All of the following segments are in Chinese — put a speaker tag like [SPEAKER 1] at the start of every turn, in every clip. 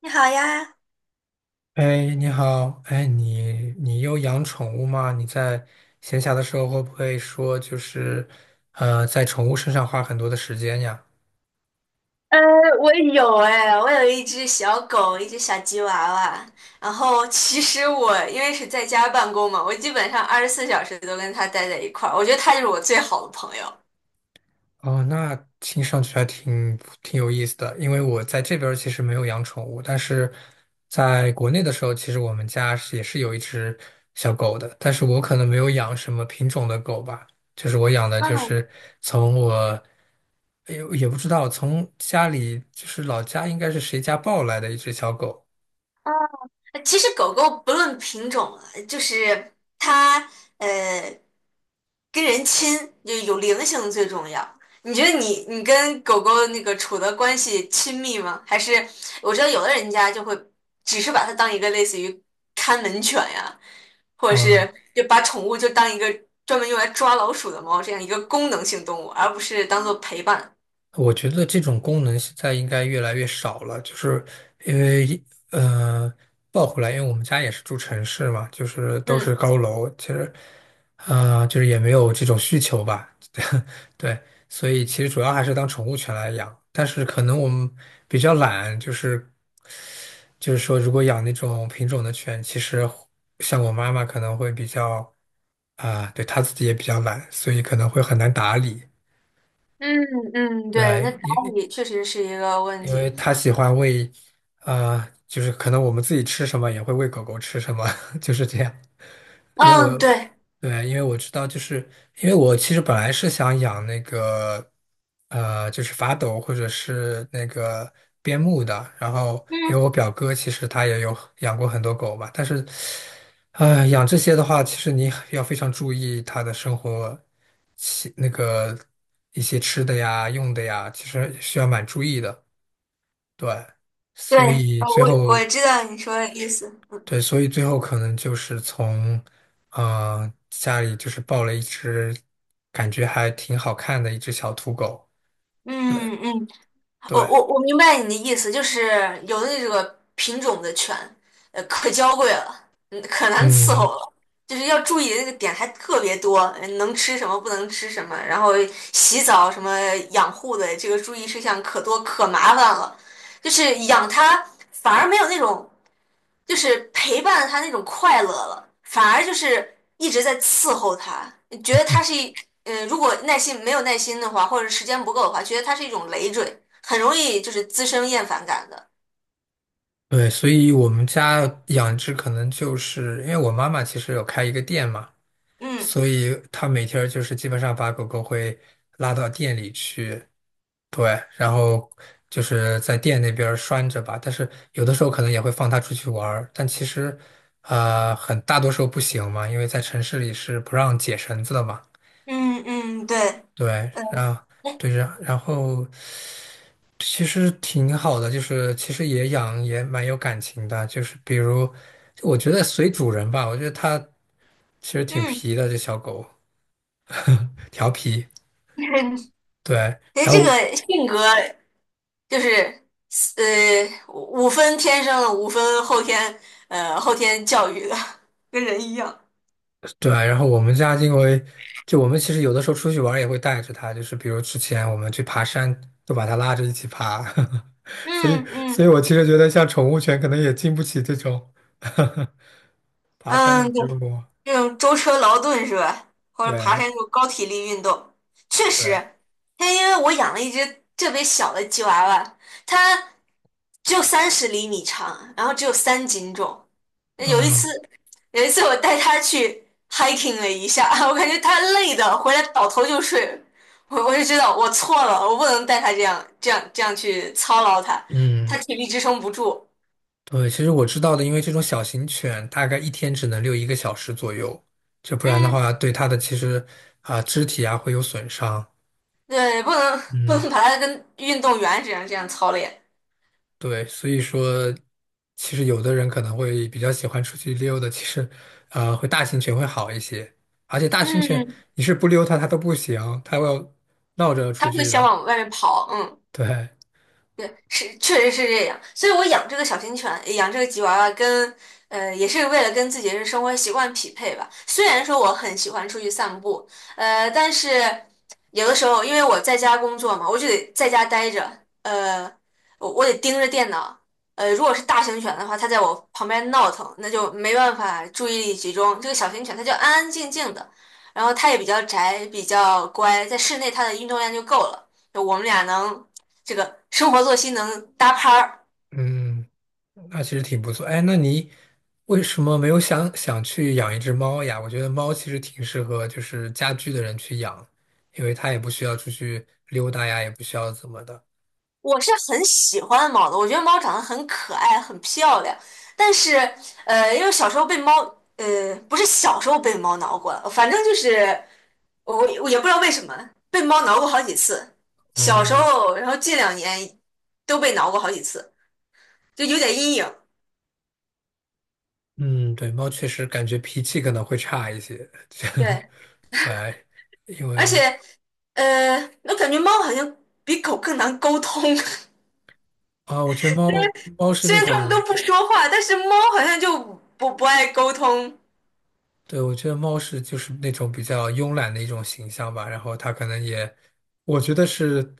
[SPEAKER 1] 你好呀，
[SPEAKER 2] 哎，你好，哎，你有养宠物吗？你在闲暇的时候会不会说就是，在宠物身上花很多的时间呀？
[SPEAKER 1] 呃，我有一只小狗，一只小吉娃娃。然后其实我因为是在家办公嘛，我基本上24小时都跟它待在一块儿。我觉得它就是我最好的朋友。
[SPEAKER 2] 哦，那听上去还挺有意思的，因为我在这边儿其实没有养宠物，但是在国内的时候，其实我们家是也是有一只小狗的，但是我可能没有养什么品种的狗吧，就是我养的
[SPEAKER 1] 啊
[SPEAKER 2] 就是从我也不知道从家里就是老家应该是谁家抱来的一只小狗，
[SPEAKER 1] 啊，其实狗狗不论品种啊就是它呃跟人亲，就有灵性最重要。你觉得你跟狗狗那个处的关系亲密吗？还是我知道有的人家就会只是把它当一个类似于看门犬呀，或者是就把宠物就当一个专门用来抓老鼠的猫这样一个功能性动物，而不是当做陪伴。
[SPEAKER 2] 我觉得这种功能现在应该越来越少了，就是因为呃，抱回来，因为我们家也是住城市嘛，就是都是
[SPEAKER 1] 嗯
[SPEAKER 2] 高楼，其实啊、就是也没有这种需求吧，对，所以其实主要还是当宠物犬来养，但是可能我们比较懒，就是说，如果养那种品种的犬，其实像我妈妈可能会比较啊、对她自己也比较懒，所以可能会很难打理。
[SPEAKER 1] 嗯嗯，对，那
[SPEAKER 2] 对，
[SPEAKER 1] 打理确实是一个问
[SPEAKER 2] 因为
[SPEAKER 1] 题。
[SPEAKER 2] 他喜欢喂，就是可能我们自己吃什么也会喂狗狗吃什么，就是这样。因为我，
[SPEAKER 1] 嗯，对。
[SPEAKER 2] 对，因为我知道，就是因为我其实本来是想养那个，就是法斗或者是那个边牧的。然后，因为
[SPEAKER 1] 嗯。
[SPEAKER 2] 我表哥其实他也有养过很多狗嘛，但是，养这些的话，其实你要非常注意它的生活起，那个一些吃的呀、用的呀，其实需要蛮注意的。对，
[SPEAKER 1] 对，
[SPEAKER 2] 所以
[SPEAKER 1] 呃，
[SPEAKER 2] 最
[SPEAKER 1] 我我
[SPEAKER 2] 后，
[SPEAKER 1] 知道你说的意思。
[SPEAKER 2] 对，所以最后可能就是从，家里就是抱了一只，感觉还挺好看的一只小土狗。
[SPEAKER 1] 嗯嗯，我
[SPEAKER 2] 对，
[SPEAKER 1] 我我明白你的意思，就是有的那个品种的犬，可娇贵了，可难伺候
[SPEAKER 2] 嗯，
[SPEAKER 1] 了，就是要注意的那个点还特别多，能吃什么，不能吃什么，然后洗澡什么养护的这个注意事项可多可麻烦了，就是养它反而没有那种。就是陪伴他那种快乐了，反而就是一直在伺候他，觉得他是一，如果耐心没有耐心的话，或者时间不够的话，觉得他是一种累赘，很容易就是滋生厌烦感的。
[SPEAKER 2] 对，所以我们家养只可能就是因为我妈妈其实有开一个店嘛，
[SPEAKER 1] 嗯
[SPEAKER 2] 所以她每天儿就是基本上把狗狗会拉到店里去，对，然后就是在店那边儿拴着吧，但是有的时候可能也会放它出去玩儿，但其实，啊，很大多数不行嘛，因为在城市里是不让解绳子的嘛。
[SPEAKER 1] 嗯嗯，对，
[SPEAKER 2] 对，然后
[SPEAKER 1] 哎
[SPEAKER 2] 对，然后其实挺好的，就是其实也养也蛮有感情的，就是比如，就我觉得随主人吧，我觉得它其实挺
[SPEAKER 1] 嗯，
[SPEAKER 2] 皮的，这小狗 调皮。
[SPEAKER 1] 哎，
[SPEAKER 2] 对，然
[SPEAKER 1] 这
[SPEAKER 2] 后。
[SPEAKER 1] 个性格就是五分天生的，五分后天教育的，跟人一样。
[SPEAKER 2] 对，然后我们家因为就我们其实有的时候出去玩儿也会带着它，就是比如之前我们去爬山，都把它拉着一起爬，所以
[SPEAKER 1] 嗯
[SPEAKER 2] 所以
[SPEAKER 1] 嗯
[SPEAKER 2] 我其实觉得像宠物犬可能也经不起这种 爬山的
[SPEAKER 1] 嗯，
[SPEAKER 2] 折磨。
[SPEAKER 1] 这种舟车劳顿是吧？或者爬山
[SPEAKER 2] 对
[SPEAKER 1] 这种高体力运动，确
[SPEAKER 2] 对，
[SPEAKER 1] 实。但因为我养了一只特别小的吉娃娃，它只有30厘米长，然后只有3斤重。那有一次，
[SPEAKER 2] 嗯
[SPEAKER 1] 有一次我带它去 hiking 了一下，我感觉它累的回来倒头就睡。我就知道我错了，我不能带它这样这样这样去操劳它，它
[SPEAKER 2] 嗯，
[SPEAKER 1] 体力支撑不住。
[SPEAKER 2] 对，其实我知道的，因为这种小型犬大概一天只能遛1个小时左右，就不然的
[SPEAKER 1] 嗯，
[SPEAKER 2] 话对它的其实啊、肢体啊会有损伤。
[SPEAKER 1] 对，不能不
[SPEAKER 2] 嗯。
[SPEAKER 1] 能把它跟运动员这样这样操练。
[SPEAKER 2] 对，所以说，其实有的人可能会比较喜欢出去溜的，其实，会大型犬会好一些。而且大型犬，
[SPEAKER 1] 嗯，
[SPEAKER 2] 你是不溜它，它都不行，它要闹着出
[SPEAKER 1] 他会
[SPEAKER 2] 去
[SPEAKER 1] 想
[SPEAKER 2] 的。
[SPEAKER 1] 往外面跑，嗯。
[SPEAKER 2] 对，
[SPEAKER 1] 对，是确实是这样，所以我养这个小型犬，养这个吉娃娃也是为了跟自己的生活习惯匹配吧。虽然说我很喜欢出去散步，但是有的时候因为我在家工作嘛，我就得在家待着，呃，我得盯着电脑，如果是大型犬的话，它在我旁边闹腾，那就没办法注意力集中。这个小型犬它就安安静静的，然后它也比较宅，比较乖，在室内它的运动量就够了。就我们俩能。这个生活作息能搭拍儿。
[SPEAKER 2] 嗯，那其实挺不错。哎，那你为什么没有想想去养一只猫呀？我觉得猫其实挺适合就是家居的人去养，因为它也不需要出去溜达呀，也不需要怎么的。
[SPEAKER 1] 我是很喜欢猫的，我觉得猫长得很可爱，很漂亮。但是，呃，因为小时候被猫，呃，不是小时候被猫挠过，反正就是我我也不知道为什么被猫挠过好几次。小时
[SPEAKER 2] 哦，
[SPEAKER 1] 候，然后近2年都被挠过好几次，就有点阴影。
[SPEAKER 2] 嗯，对，猫确实感觉脾气可能会差一些，这样
[SPEAKER 1] 对，
[SPEAKER 2] 对，因
[SPEAKER 1] 而
[SPEAKER 2] 为
[SPEAKER 1] 且，呃，我感觉猫好像比狗更难沟通。
[SPEAKER 2] 啊，我觉得猫是
[SPEAKER 1] 虽
[SPEAKER 2] 那
[SPEAKER 1] 然它们都
[SPEAKER 2] 种，
[SPEAKER 1] 不说话，但是猫好像就不爱沟通，
[SPEAKER 2] 对，我觉得猫是就是那种比较慵懒的一种形象吧，然后它可能也，我觉得是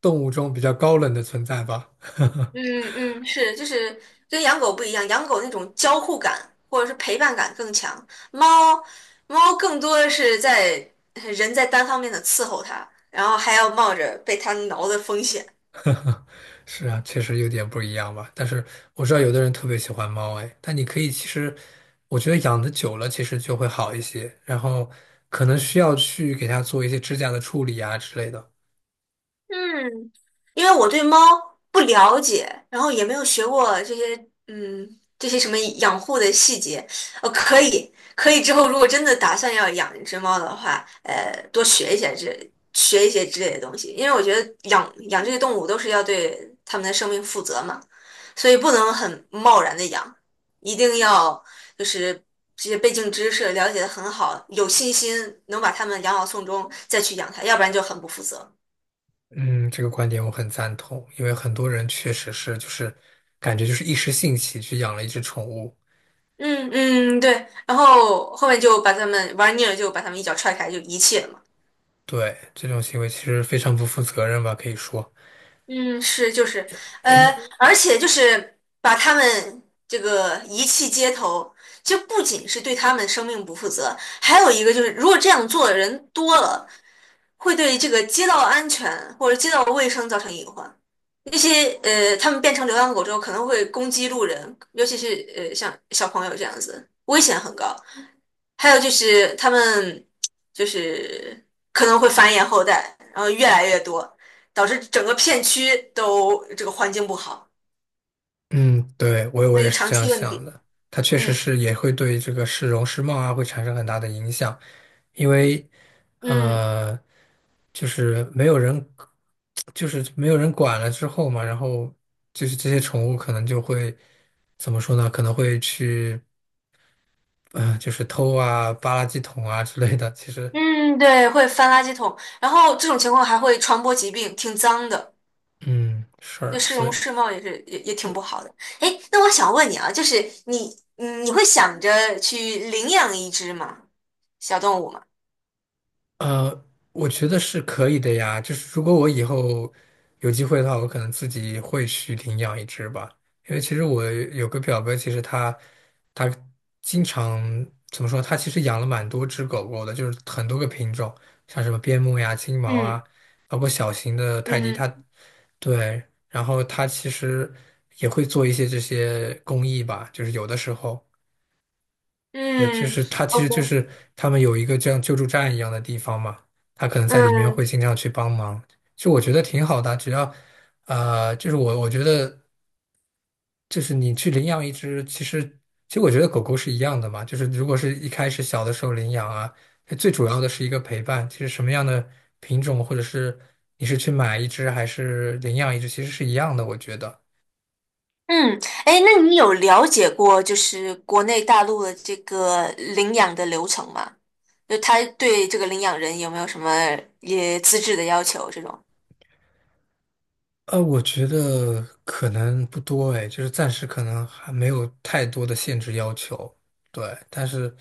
[SPEAKER 2] 动物中比较高冷的存在吧，
[SPEAKER 1] 嗯嗯，是，就是跟养狗不一样，养狗那种交互感或者是陪伴感更强，猫猫更多的是在人在单方面的伺候它，然后还要冒着被它挠的风险。
[SPEAKER 2] 是啊，确实有点不一样吧。但是我知道有的人特别喜欢猫，哎，但你可以其实，我觉得养的久了其实就会好一些，然后可能需要去给它做一些指甲的处理啊之类的。
[SPEAKER 1] 嗯，因为我对猫不了解，然后也没有学过这些，嗯，这些什么养护的细节。可以之后如果真的打算要养一只猫的话，多学一些这学一些之类的东西，因为我觉得养这些动物都是要对它们的生命负责嘛，所以不能很贸然的养，一定要就是这些背景知识了解的很好，有信心能把它们养好送终再去养它，要不然就很不负责。
[SPEAKER 2] 嗯，这个观点我很赞同，因为很多人确实是就是感觉就是一时兴起去养了一只宠物，
[SPEAKER 1] 嗯嗯，对，然后后面就把他们玩腻了，就把他们一脚踹开，就遗弃了嘛。
[SPEAKER 2] 对，这种行为其实非常不负责任吧，可以说。
[SPEAKER 1] 嗯，是就是，呃，
[SPEAKER 2] 哎，
[SPEAKER 1] 而且就是把他们这个遗弃街头，就不仅是对他们生命不负责，还有一个就是，如果这样做的人多了，会对这个街道安全或者街道卫生造成隐患。那些他们变成流浪狗之后，可能会攻击路人，尤其是像小朋友这样子，危险很高。还有就是他们就是可能会繁衍后代，然后越来越多，导致整个片区都这个环境不好，
[SPEAKER 2] 嗯，对，我
[SPEAKER 1] 那
[SPEAKER 2] 也
[SPEAKER 1] 是
[SPEAKER 2] 是
[SPEAKER 1] 长
[SPEAKER 2] 这样
[SPEAKER 1] 期问
[SPEAKER 2] 想
[SPEAKER 1] 题。
[SPEAKER 2] 的，它确实
[SPEAKER 1] 嗯
[SPEAKER 2] 是也会对这个市容市貌啊会产生很大的影响。因为
[SPEAKER 1] 嗯
[SPEAKER 2] 呃，就是没有人，就是没有人管了之后嘛，然后就是这些宠物可能就会怎么说呢？可能会去，就是偷啊、扒垃圾桶啊之类的。其实，
[SPEAKER 1] 嗯，对，会翻垃圾桶，然后这种情况还会传播疾病，挺脏的。
[SPEAKER 2] 嗯，是，
[SPEAKER 1] 对市
[SPEAKER 2] 所
[SPEAKER 1] 容
[SPEAKER 2] 以。
[SPEAKER 1] 市貌也是也挺不好的。哎，那我想问你啊，就是你会想着去领养一只吗？小动物吗？
[SPEAKER 2] 呃，我觉得是可以的呀。就是如果我以后有机会的话，我可能自己会去领养一只吧。因为其实我有个表哥，其实他经常怎么说？他其实养了蛮多只狗狗的，就是很多个品种，像什么边牧呀、金毛
[SPEAKER 1] 嗯
[SPEAKER 2] 啊，包括小型的泰迪。他
[SPEAKER 1] 嗯
[SPEAKER 2] 对，然后他其实也会做一些这些公益吧，就是有的时候。对，就
[SPEAKER 1] 嗯
[SPEAKER 2] 是他，其实就
[SPEAKER 1] ，OK，
[SPEAKER 2] 是他们有一个这样救助站一样的地方嘛，他可能在里面
[SPEAKER 1] 嗯。
[SPEAKER 2] 会经常去帮忙，就我觉得挺好的啊，只要，就是我觉得就是你去领养一只，其实我觉得狗狗是一样的嘛，就是如果是一开始小的时候领养啊，最主要的是一个陪伴，其实什么样的品种或者是你是去买一只还是领养一只，其实是一样的，我觉得。
[SPEAKER 1] 嗯，哎，那你有了解过就是国内大陆的这个领养的流程吗？就他对这个领养人有没有什么也资质的要求这种？
[SPEAKER 2] 我觉得可能不多哎，就是暂时可能还没有太多的限制要求，对，但是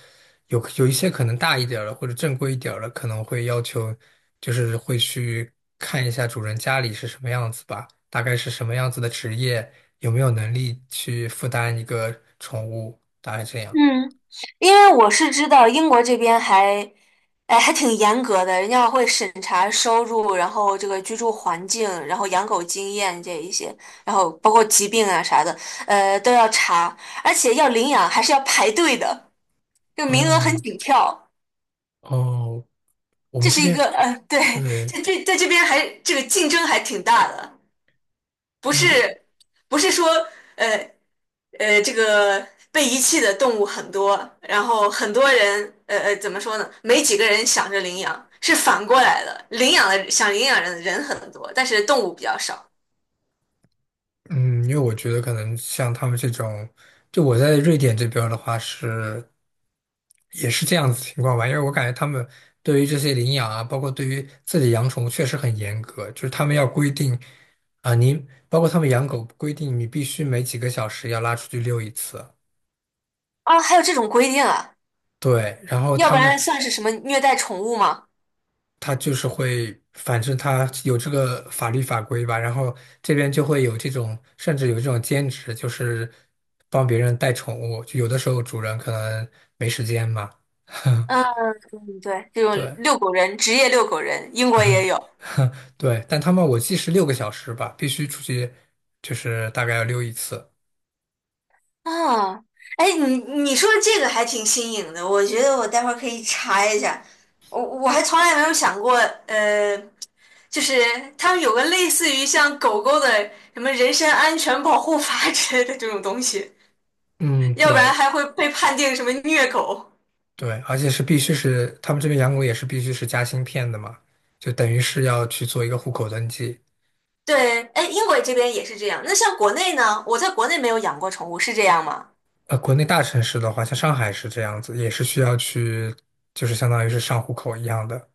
[SPEAKER 2] 有一些可能大一点儿的或者正规一点儿的，可能会要求，就是会去看一下主人家里是什么样子吧，大概是什么样子的职业，有没有能力去负担一个宠物，大概这样。
[SPEAKER 1] 嗯，因为我是知道英国这边还，哎，还挺严格的，人家会审查收入，然后这个居住环境，然后养狗经验这一些，然后包括疾病啊啥的，都要查，而且要领养还是要排队的，就名额
[SPEAKER 2] 哦
[SPEAKER 1] 很紧俏。
[SPEAKER 2] 哦，我
[SPEAKER 1] 这
[SPEAKER 2] 们
[SPEAKER 1] 是
[SPEAKER 2] 这
[SPEAKER 1] 一个
[SPEAKER 2] 边
[SPEAKER 1] 对，
[SPEAKER 2] 对，
[SPEAKER 1] 这在这边还这个竞争还挺大的，
[SPEAKER 2] 啊
[SPEAKER 1] 不
[SPEAKER 2] 那
[SPEAKER 1] 是不是说呃这个被遗弃的动物很多，然后很多人怎么说呢？没几个人想着领养，是反过来的，领养的想领养人的人很多，但是动物比较少
[SPEAKER 2] 嗯，因为我觉得可能像他们这种，就我在瑞典这边儿的话是也是这样子情况吧，因为我感觉他们对于这些领养啊，包括对于自己养宠物确实很严格，就是他们要规定啊，你包括他们养狗规定你必须每几个小时要拉出去遛一次，
[SPEAKER 1] 啊。还有这种规定啊，
[SPEAKER 2] 对，然后
[SPEAKER 1] 要
[SPEAKER 2] 他
[SPEAKER 1] 不
[SPEAKER 2] 们
[SPEAKER 1] 然算是什么虐待宠物吗？
[SPEAKER 2] 他就是会，反正他有这个法律法规吧，然后这边就会有这种，甚至有这种兼职，就是帮别人带宠物。就有的时候主人可能没时间嘛，
[SPEAKER 1] 嗯，对，这种
[SPEAKER 2] 对，
[SPEAKER 1] 遛狗人，职业遛狗人，英国也有。
[SPEAKER 2] 对，但他们我记是6个小时吧，必须出去，就是大概要溜一次。
[SPEAKER 1] 啊，哎，你说这个还挺新颖的，我觉得我待会儿可以查一下。我还从来没有想过，呃，就是他们有个类似于像狗狗的什么人身安全保护法 之类的这种东西，
[SPEAKER 2] 嗯，
[SPEAKER 1] 要不
[SPEAKER 2] 对
[SPEAKER 1] 然还会被判定什么虐狗。
[SPEAKER 2] 对，而且是必须是他们这边养狗也是必须是加芯片的嘛，就等于是要去做一个户口登记。
[SPEAKER 1] 对，哎，英国这边也是这样。那像国内呢？我在国内没有养过宠物，是这样吗？
[SPEAKER 2] 国内大城市的话，像上海是这样子，也是需要去，就是相当于是上户口一样的。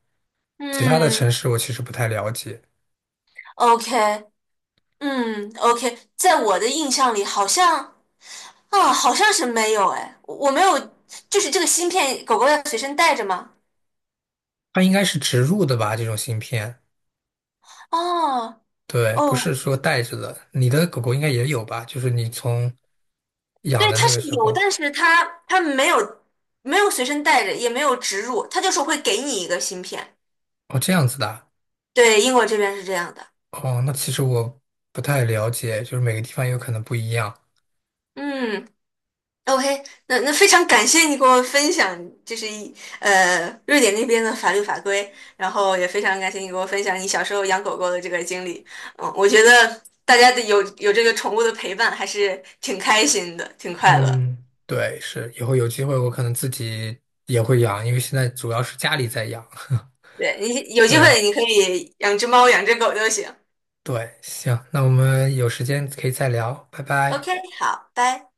[SPEAKER 2] 其他的城
[SPEAKER 1] 嗯
[SPEAKER 2] 市我其实不太了解，
[SPEAKER 1] ，OK，嗯，OK，在我的印象里，好像。啊，好像是没有哎，我没有，就是这个芯片，狗狗要随身带着吗？
[SPEAKER 2] 它应该是植入的吧，这种芯片，
[SPEAKER 1] 哦
[SPEAKER 2] 对，不是
[SPEAKER 1] 哦，
[SPEAKER 2] 说带着的。你的狗狗应该也有吧？就是你从养
[SPEAKER 1] 对，
[SPEAKER 2] 的
[SPEAKER 1] 它
[SPEAKER 2] 那个
[SPEAKER 1] 是
[SPEAKER 2] 时
[SPEAKER 1] 有，
[SPEAKER 2] 候，
[SPEAKER 1] 但是它没有随身带着，也没有植入，它就是会给你一个芯片。
[SPEAKER 2] 哦，这样子的啊
[SPEAKER 1] 对，英国这边是这样的。
[SPEAKER 2] 哦，那其实我不太了解，就是每个地方有可能不一样。
[SPEAKER 1] 嗯。OK，那非常感谢你给我分享，就是瑞典那边的法律法规，然后也非常感谢你给我分享你小时候养狗狗的这个经历。嗯，我觉得大家的有这个宠物的陪伴还是挺开心的，挺快乐。
[SPEAKER 2] 嗯，对，是，以后有机会我可能自己也会养，因为现在主要是家里在养。
[SPEAKER 1] 对，你有机
[SPEAKER 2] 对。
[SPEAKER 1] 会你可以养只猫，养只狗都行。
[SPEAKER 2] 对，行，那我们有时间可以再聊，拜拜。
[SPEAKER 1] OK，好，拜。